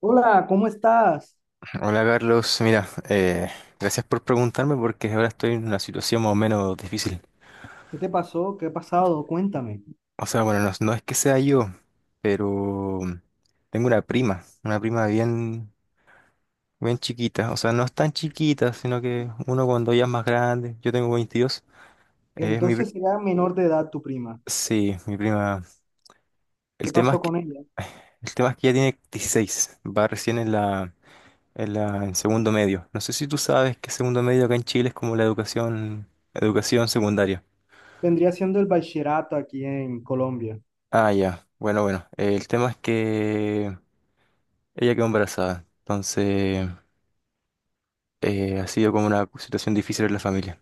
Hola, ¿cómo estás? Hola Carlos, mira, gracias por preguntarme porque ahora estoy en una situación más o menos difícil. ¿Qué te pasó? ¿Qué ha pasado? Cuéntame. O sea, bueno, no es que sea yo, pero tengo una prima bien, bien chiquita. O sea, no es tan chiquita, sino que uno cuando ya es más grande, yo tengo 22, eh, es mi, pri- Entonces era menor de edad tu prima. sí, mi prima. El ¿Qué tema pasó es que, con ella? el tema es que ya tiene 16, va recién en segundo medio. No sé si tú sabes que segundo medio acá en Chile es como la educación secundaria. Vendría siendo el bachillerato aquí en Colombia. Ah, ya. Bueno, bueno. El tema es que ella quedó embarazada. Entonces, ha sido como una situación difícil en la familia.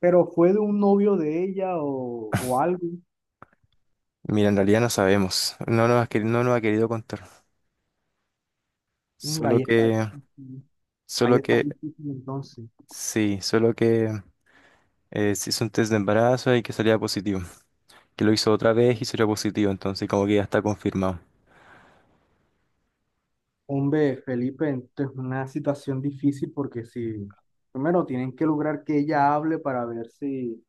¿Pero fue de un novio de ella o algo? Mira, en realidad no sabemos. No nos ha querido contar. Mm, Solo ahí está que, difícil. Ahí solo está que, difícil entonces. sí, solo que se hizo un test de embarazo y que salía positivo. Que lo hizo otra vez y salió positivo. Entonces, como que ya está confirmado. Hombre, Felipe, esto es una situación difícil porque si... Primero tienen que lograr que ella hable para ver si,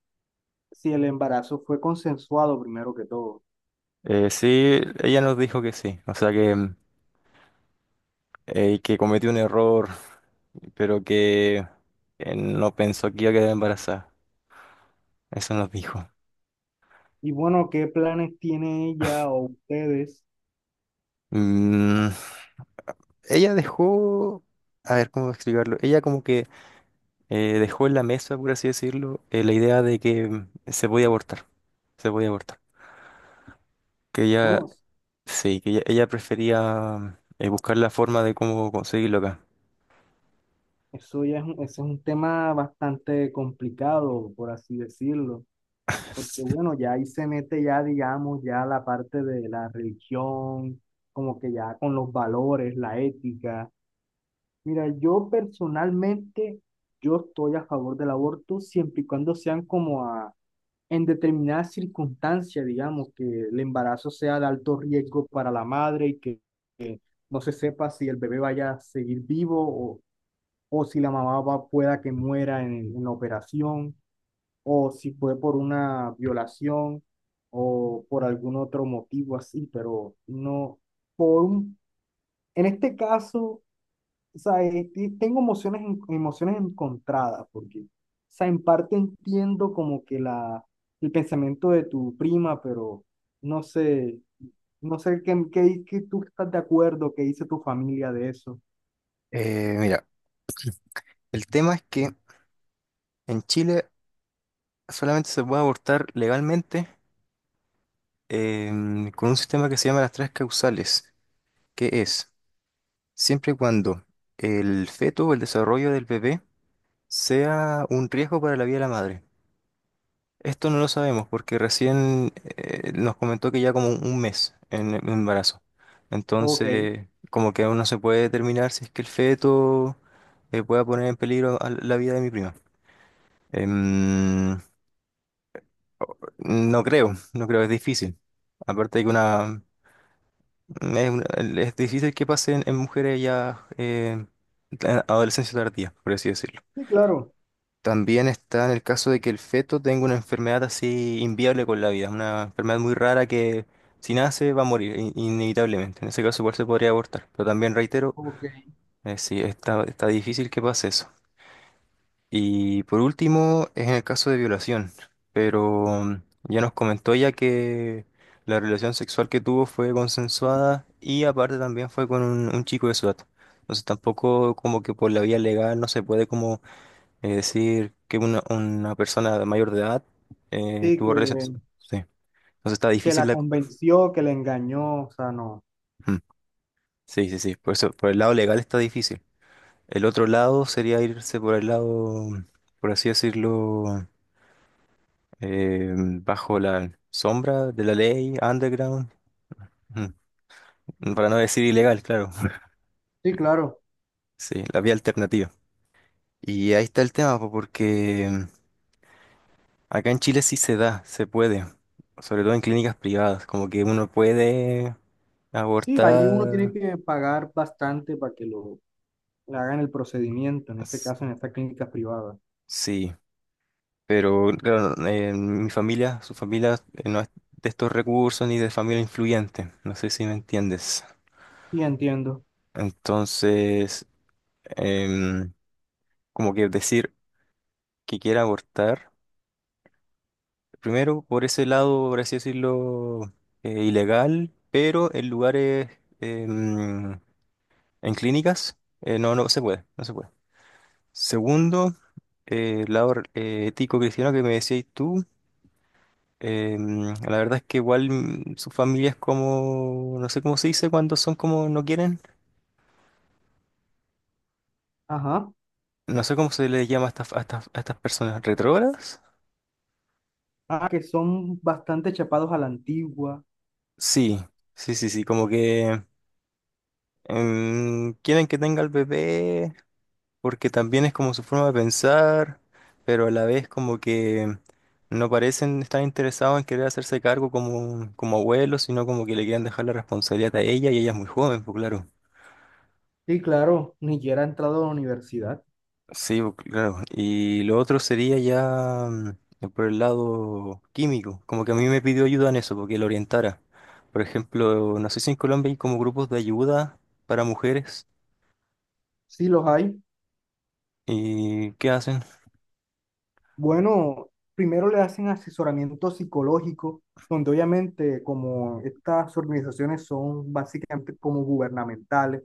si el embarazo fue consensuado primero que todo. Sí, ella nos dijo que sí. O sea que que cometió un error, pero que no pensó que iba a quedar embarazada. Eso nos dijo. Y bueno, ¿qué planes tiene ella o ustedes? Mm, ella dejó, a ver cómo explicarlo, ella como que dejó en la mesa, por así decirlo, la idea de que se podía se podía abortar. Que ella, Bueno, sí, que ella prefería buscar la forma de cómo conseguirlo acá. eso ya es ese es un tema bastante complicado, por así decirlo, porque bueno, ya ahí se mete ya, digamos, ya la parte de la religión, como que ya con los valores, la ética. Mira, yo personalmente, yo estoy a favor del aborto siempre y cuando sean como a, en determinadas circunstancias, digamos, que el embarazo sea de alto riesgo para la madre y que no se sepa si el bebé vaya a seguir vivo o si la mamá pueda que muera en la operación, o si fue por una violación o por algún otro motivo así, pero no, por un, en este caso, o sea, tengo emociones, emociones encontradas, porque, o sea, en parte entiendo como que el pensamiento de tu prima, pero no sé, no sé qué tú estás de acuerdo, qué dice tu familia de eso. Mira, el tema es que en Chile solamente se puede abortar legalmente con un sistema que se llama las tres causales, que es siempre y cuando el feto o el desarrollo del bebé sea un riesgo para la vida de la madre. Esto no lo sabemos porque recién nos comentó que ya como un mes en el embarazo. Ok, sí, Entonces, como que aún no se puede determinar si es que el feto pueda poner en peligro a la vida de mi prima. Em, no creo, es difícil. Aparte de que una- es difícil que pase en mujeres ya en adolescencia tardía, por así decirlo. claro. También está en el caso de que el feto tenga una enfermedad así inviable con la vida, una enfermedad muy rara que si nace va a morir inevitablemente. En ese caso igual se podría abortar, pero también reitero, Ok. Sí, está difícil que pase eso. Y por último es en el caso de violación, pero ya nos comentó ya que la relación sexual que tuvo fue consensuada y aparte también fue con un chico de su edad. Entonces tampoco como que por la vía legal no se puede es decir, que una persona de mayor de edad Sí, tuvo que relaciones. Sí. Entonces está que la difícil la... convenció, que la engañó, o sea, no. Mm. Sí, sí, sí. Por eso, por el lado legal está difícil. El otro lado sería irse por el lado, por así decirlo, bajo la sombra de la ley, underground. Mm. Para no decir ilegal, claro. Sí, claro. Sí, la vía alternativa. Y ahí está el tema, po, porque acá en Chile sí se da, se puede, sobre todo en clínicas privadas, como que uno puede Sí, ahí uno tiene abortar, que pagar bastante para que lo... le hagan el procedimiento, en ese s- caso, en estas clínicas privadas. sí, pero claro, mi familia, su familia no es de estos recursos ni de familia influyente, no sé si me entiendes. Sí, entiendo. Entonces, em, como que decir que quiera abortar, primero por ese lado, por así decirlo, ilegal, pero en lugares, em, en clínicas, no se no se puede. Segundo, el lado ético cristiano que me decías tú, la verdad es que igual su familia es como, no sé cómo se dice cuando son como no quieren, Ajá. no sé cómo se les llama a a estas personas, ¿retrógradas? Ah, que son bastante chapados a la antigua. Sí, sí, sí, sí, como que quieren que tenga el bebé porque también es como su forma de pensar, pero a la vez como que no parecen estar interesados en querer hacerse cargo como, como abuelos, sino como que le quieren dejar la responsabilidad a ella y ella es muy joven, pues claro. Sí, claro. Ni siquiera ha entrado a la universidad. Sí, pues claro. Y lo otro sería ya por el lado químico, como que a mí me pidió ayuda en eso, porque lo orientara. Por ejemplo, no sé si en Colombia hay como grupos de ayuda para mujeres Sí, los hay. y ¿qué hacen? Bueno, primero le hacen asesoramiento psicológico, donde obviamente como estas organizaciones son básicamente como gubernamentales,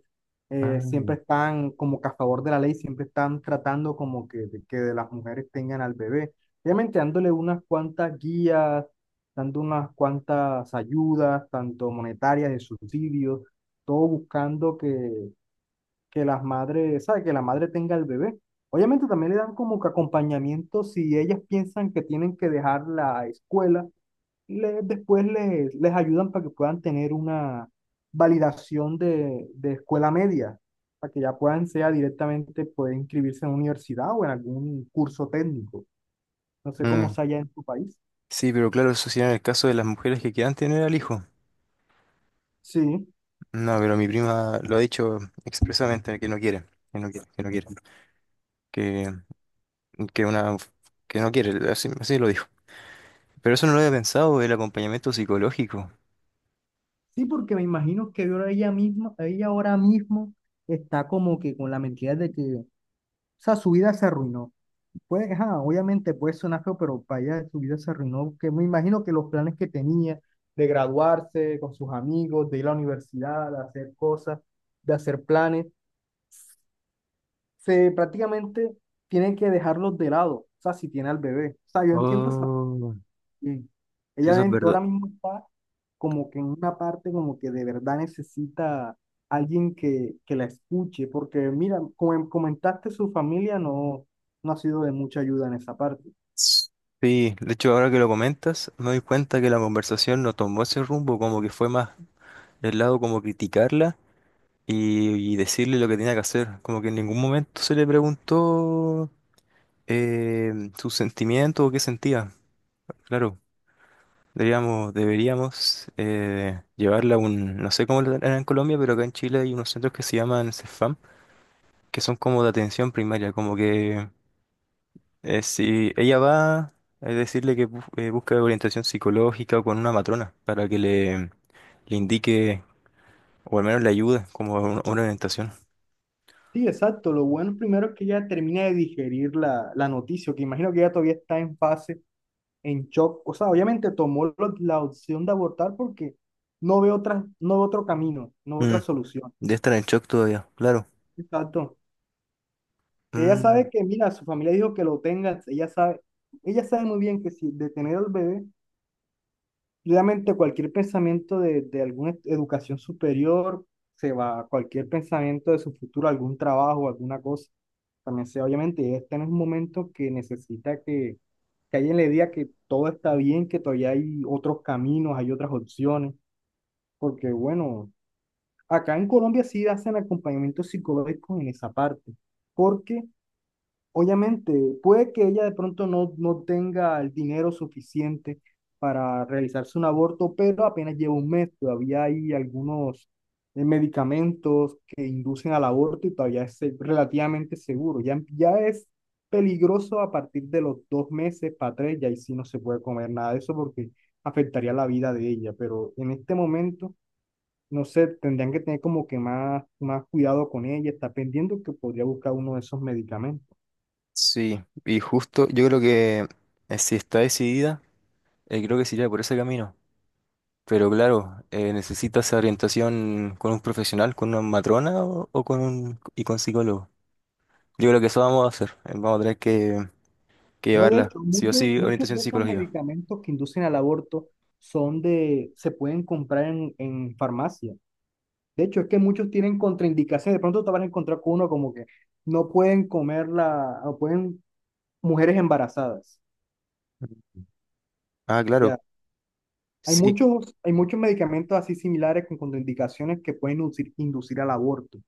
Ah. siempre están como que a favor de la ley, siempre están tratando como que de las mujeres tengan al bebé, obviamente dándole unas cuantas guías, dando unas cuantas ayudas, tanto monetarias, de subsidios, todo buscando que las madres, ¿sabes? Que la madre tenga el bebé. Obviamente también le dan como que acompañamiento si ellas piensan que tienen que dejar la escuela, después les ayudan para que puedan tener una validación de escuela media, para que ya puedan sea directamente poder inscribirse en una universidad o en algún curso técnico. No sé cómo Mm. sea allá en tu país. Sí, pero claro, eso sería en el caso de las mujeres que quieran tener al hijo. Sí, No, pero mi prima lo ha dicho expresamente, que no quiere, que, que una, que no quiere, así lo dijo. Pero eso no lo había pensado, el acompañamiento psicológico. sí, porque me imagino que ahora ella misma, ella ahora mismo está como que con la mentira de que, o sea, su vida se arruinó. Pues, ajá, obviamente puede sonar feo, pero para allá su vida se arruinó, que me imagino que los planes que tenía de graduarse con sus amigos, de ir a la universidad, de hacer cosas, de hacer planes, se prácticamente tienen que dejarlos de lado, o sea, si tiene al bebé. O sea, yo entiendo esa parte Oh, bien. sí, Ella eso es ahora verdad. mismo está como que en una parte como que de verdad necesita alguien que la escuche, porque mira, como comentaste, su familia no ha sido de mucha ayuda en esa parte. S- Sí, de hecho, ahora que lo comentas, me doy cuenta que la conversación no tomó ese rumbo, como que fue más del lado como criticarla y decirle lo que tenía que hacer. Como que en ningún momento se le preguntó. Sus sentimientos o qué sentía, claro. Deberíamos llevarla a un, no sé cómo lo harán en Colombia, pero acá en Chile hay unos centros que se llaman CEFAM, que son como de atención primaria, como que si ella va a decirle que busca orientación psicológica o con una matrona para que le indique o al menos le ayude como a a una orientación. Sí, exacto. Lo bueno primero es que ella termina de digerir la noticia, que imagino que ella todavía está en fase, en shock. O sea, obviamente tomó la opción de abortar porque no ve otra, no ve otro camino, no ve Mm, otra solución. de estar en shock todavía, claro. Exacto. Ella Mm, sabe que, mira, su familia dijo que lo tenga, ella sabe muy bien que si de tener al bebé realmente cualquier pensamiento de alguna educación superior se va, cualquier pensamiento de su futuro, algún trabajo, alguna cosa, también se va. Obviamente, ella está en un momento que necesita que alguien le diga que todo está bien, que todavía hay otros caminos, hay otras opciones, porque bueno, acá en Colombia sí hacen acompañamiento psicológico en esa parte, porque obviamente, puede que ella de pronto no tenga el dinero suficiente para realizarse un aborto, pero apenas lleva un mes, todavía hay algunos medicamentos que inducen al aborto y todavía es relativamente seguro. Ya es peligroso a partir de los dos meses para tres, y ahí sí no se puede comer nada de eso porque afectaría la vida de ella, pero en este momento, no sé, tendrían que tener como que más cuidado con ella, está pendiente que podría buscar uno de esos medicamentos. sí, y justo yo creo que si está decidida. Creo que sería por ese camino. Pero claro, necesitas orientación con un profesional, con una matrona o con un y con psicólogo. Yo creo que eso vamos a hacer. Vamos a tener que No, de llevarla, hecho, sí o muchos, sí, muchos orientación de esos psicológica. medicamentos que inducen al aborto se pueden comprar en farmacia. De hecho, es que muchos tienen contraindicaciones. De pronto te vas a encontrar con uno como que no pueden comer la, o pueden mujeres embarazadas. Ah, claro. Ya. Hay Sí, muchos, hay muchos medicamentos así similares con contraindicaciones que pueden inducir al aborto.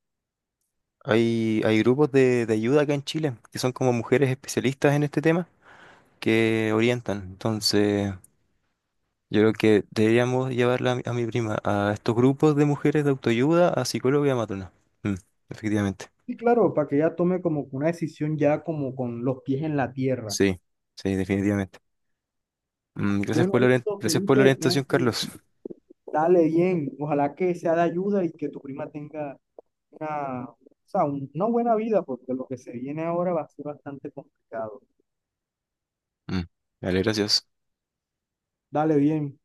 hay grupos de ayuda acá en Chile, que son como mujeres especialistas en este tema, que orientan. Entonces, yo creo que deberíamos llevarla a a mi prima a estos grupos de mujeres de autoayuda, a psicóloga y a matrona. Mm, efectivamente. Y claro, para que ella tome como que una decisión ya como con los pies en la tierra. Sí, sí, definitivamente. Gracias Bueno, por listo, gracias por la Felipe, tengo orientación, que. Carlos. Dale bien, ojalá que sea de ayuda y que tu prima tenga una, o sea, una buena vida, porque lo que se viene ahora va a ser bastante complicado. Mm, vale, gracias. Dale bien.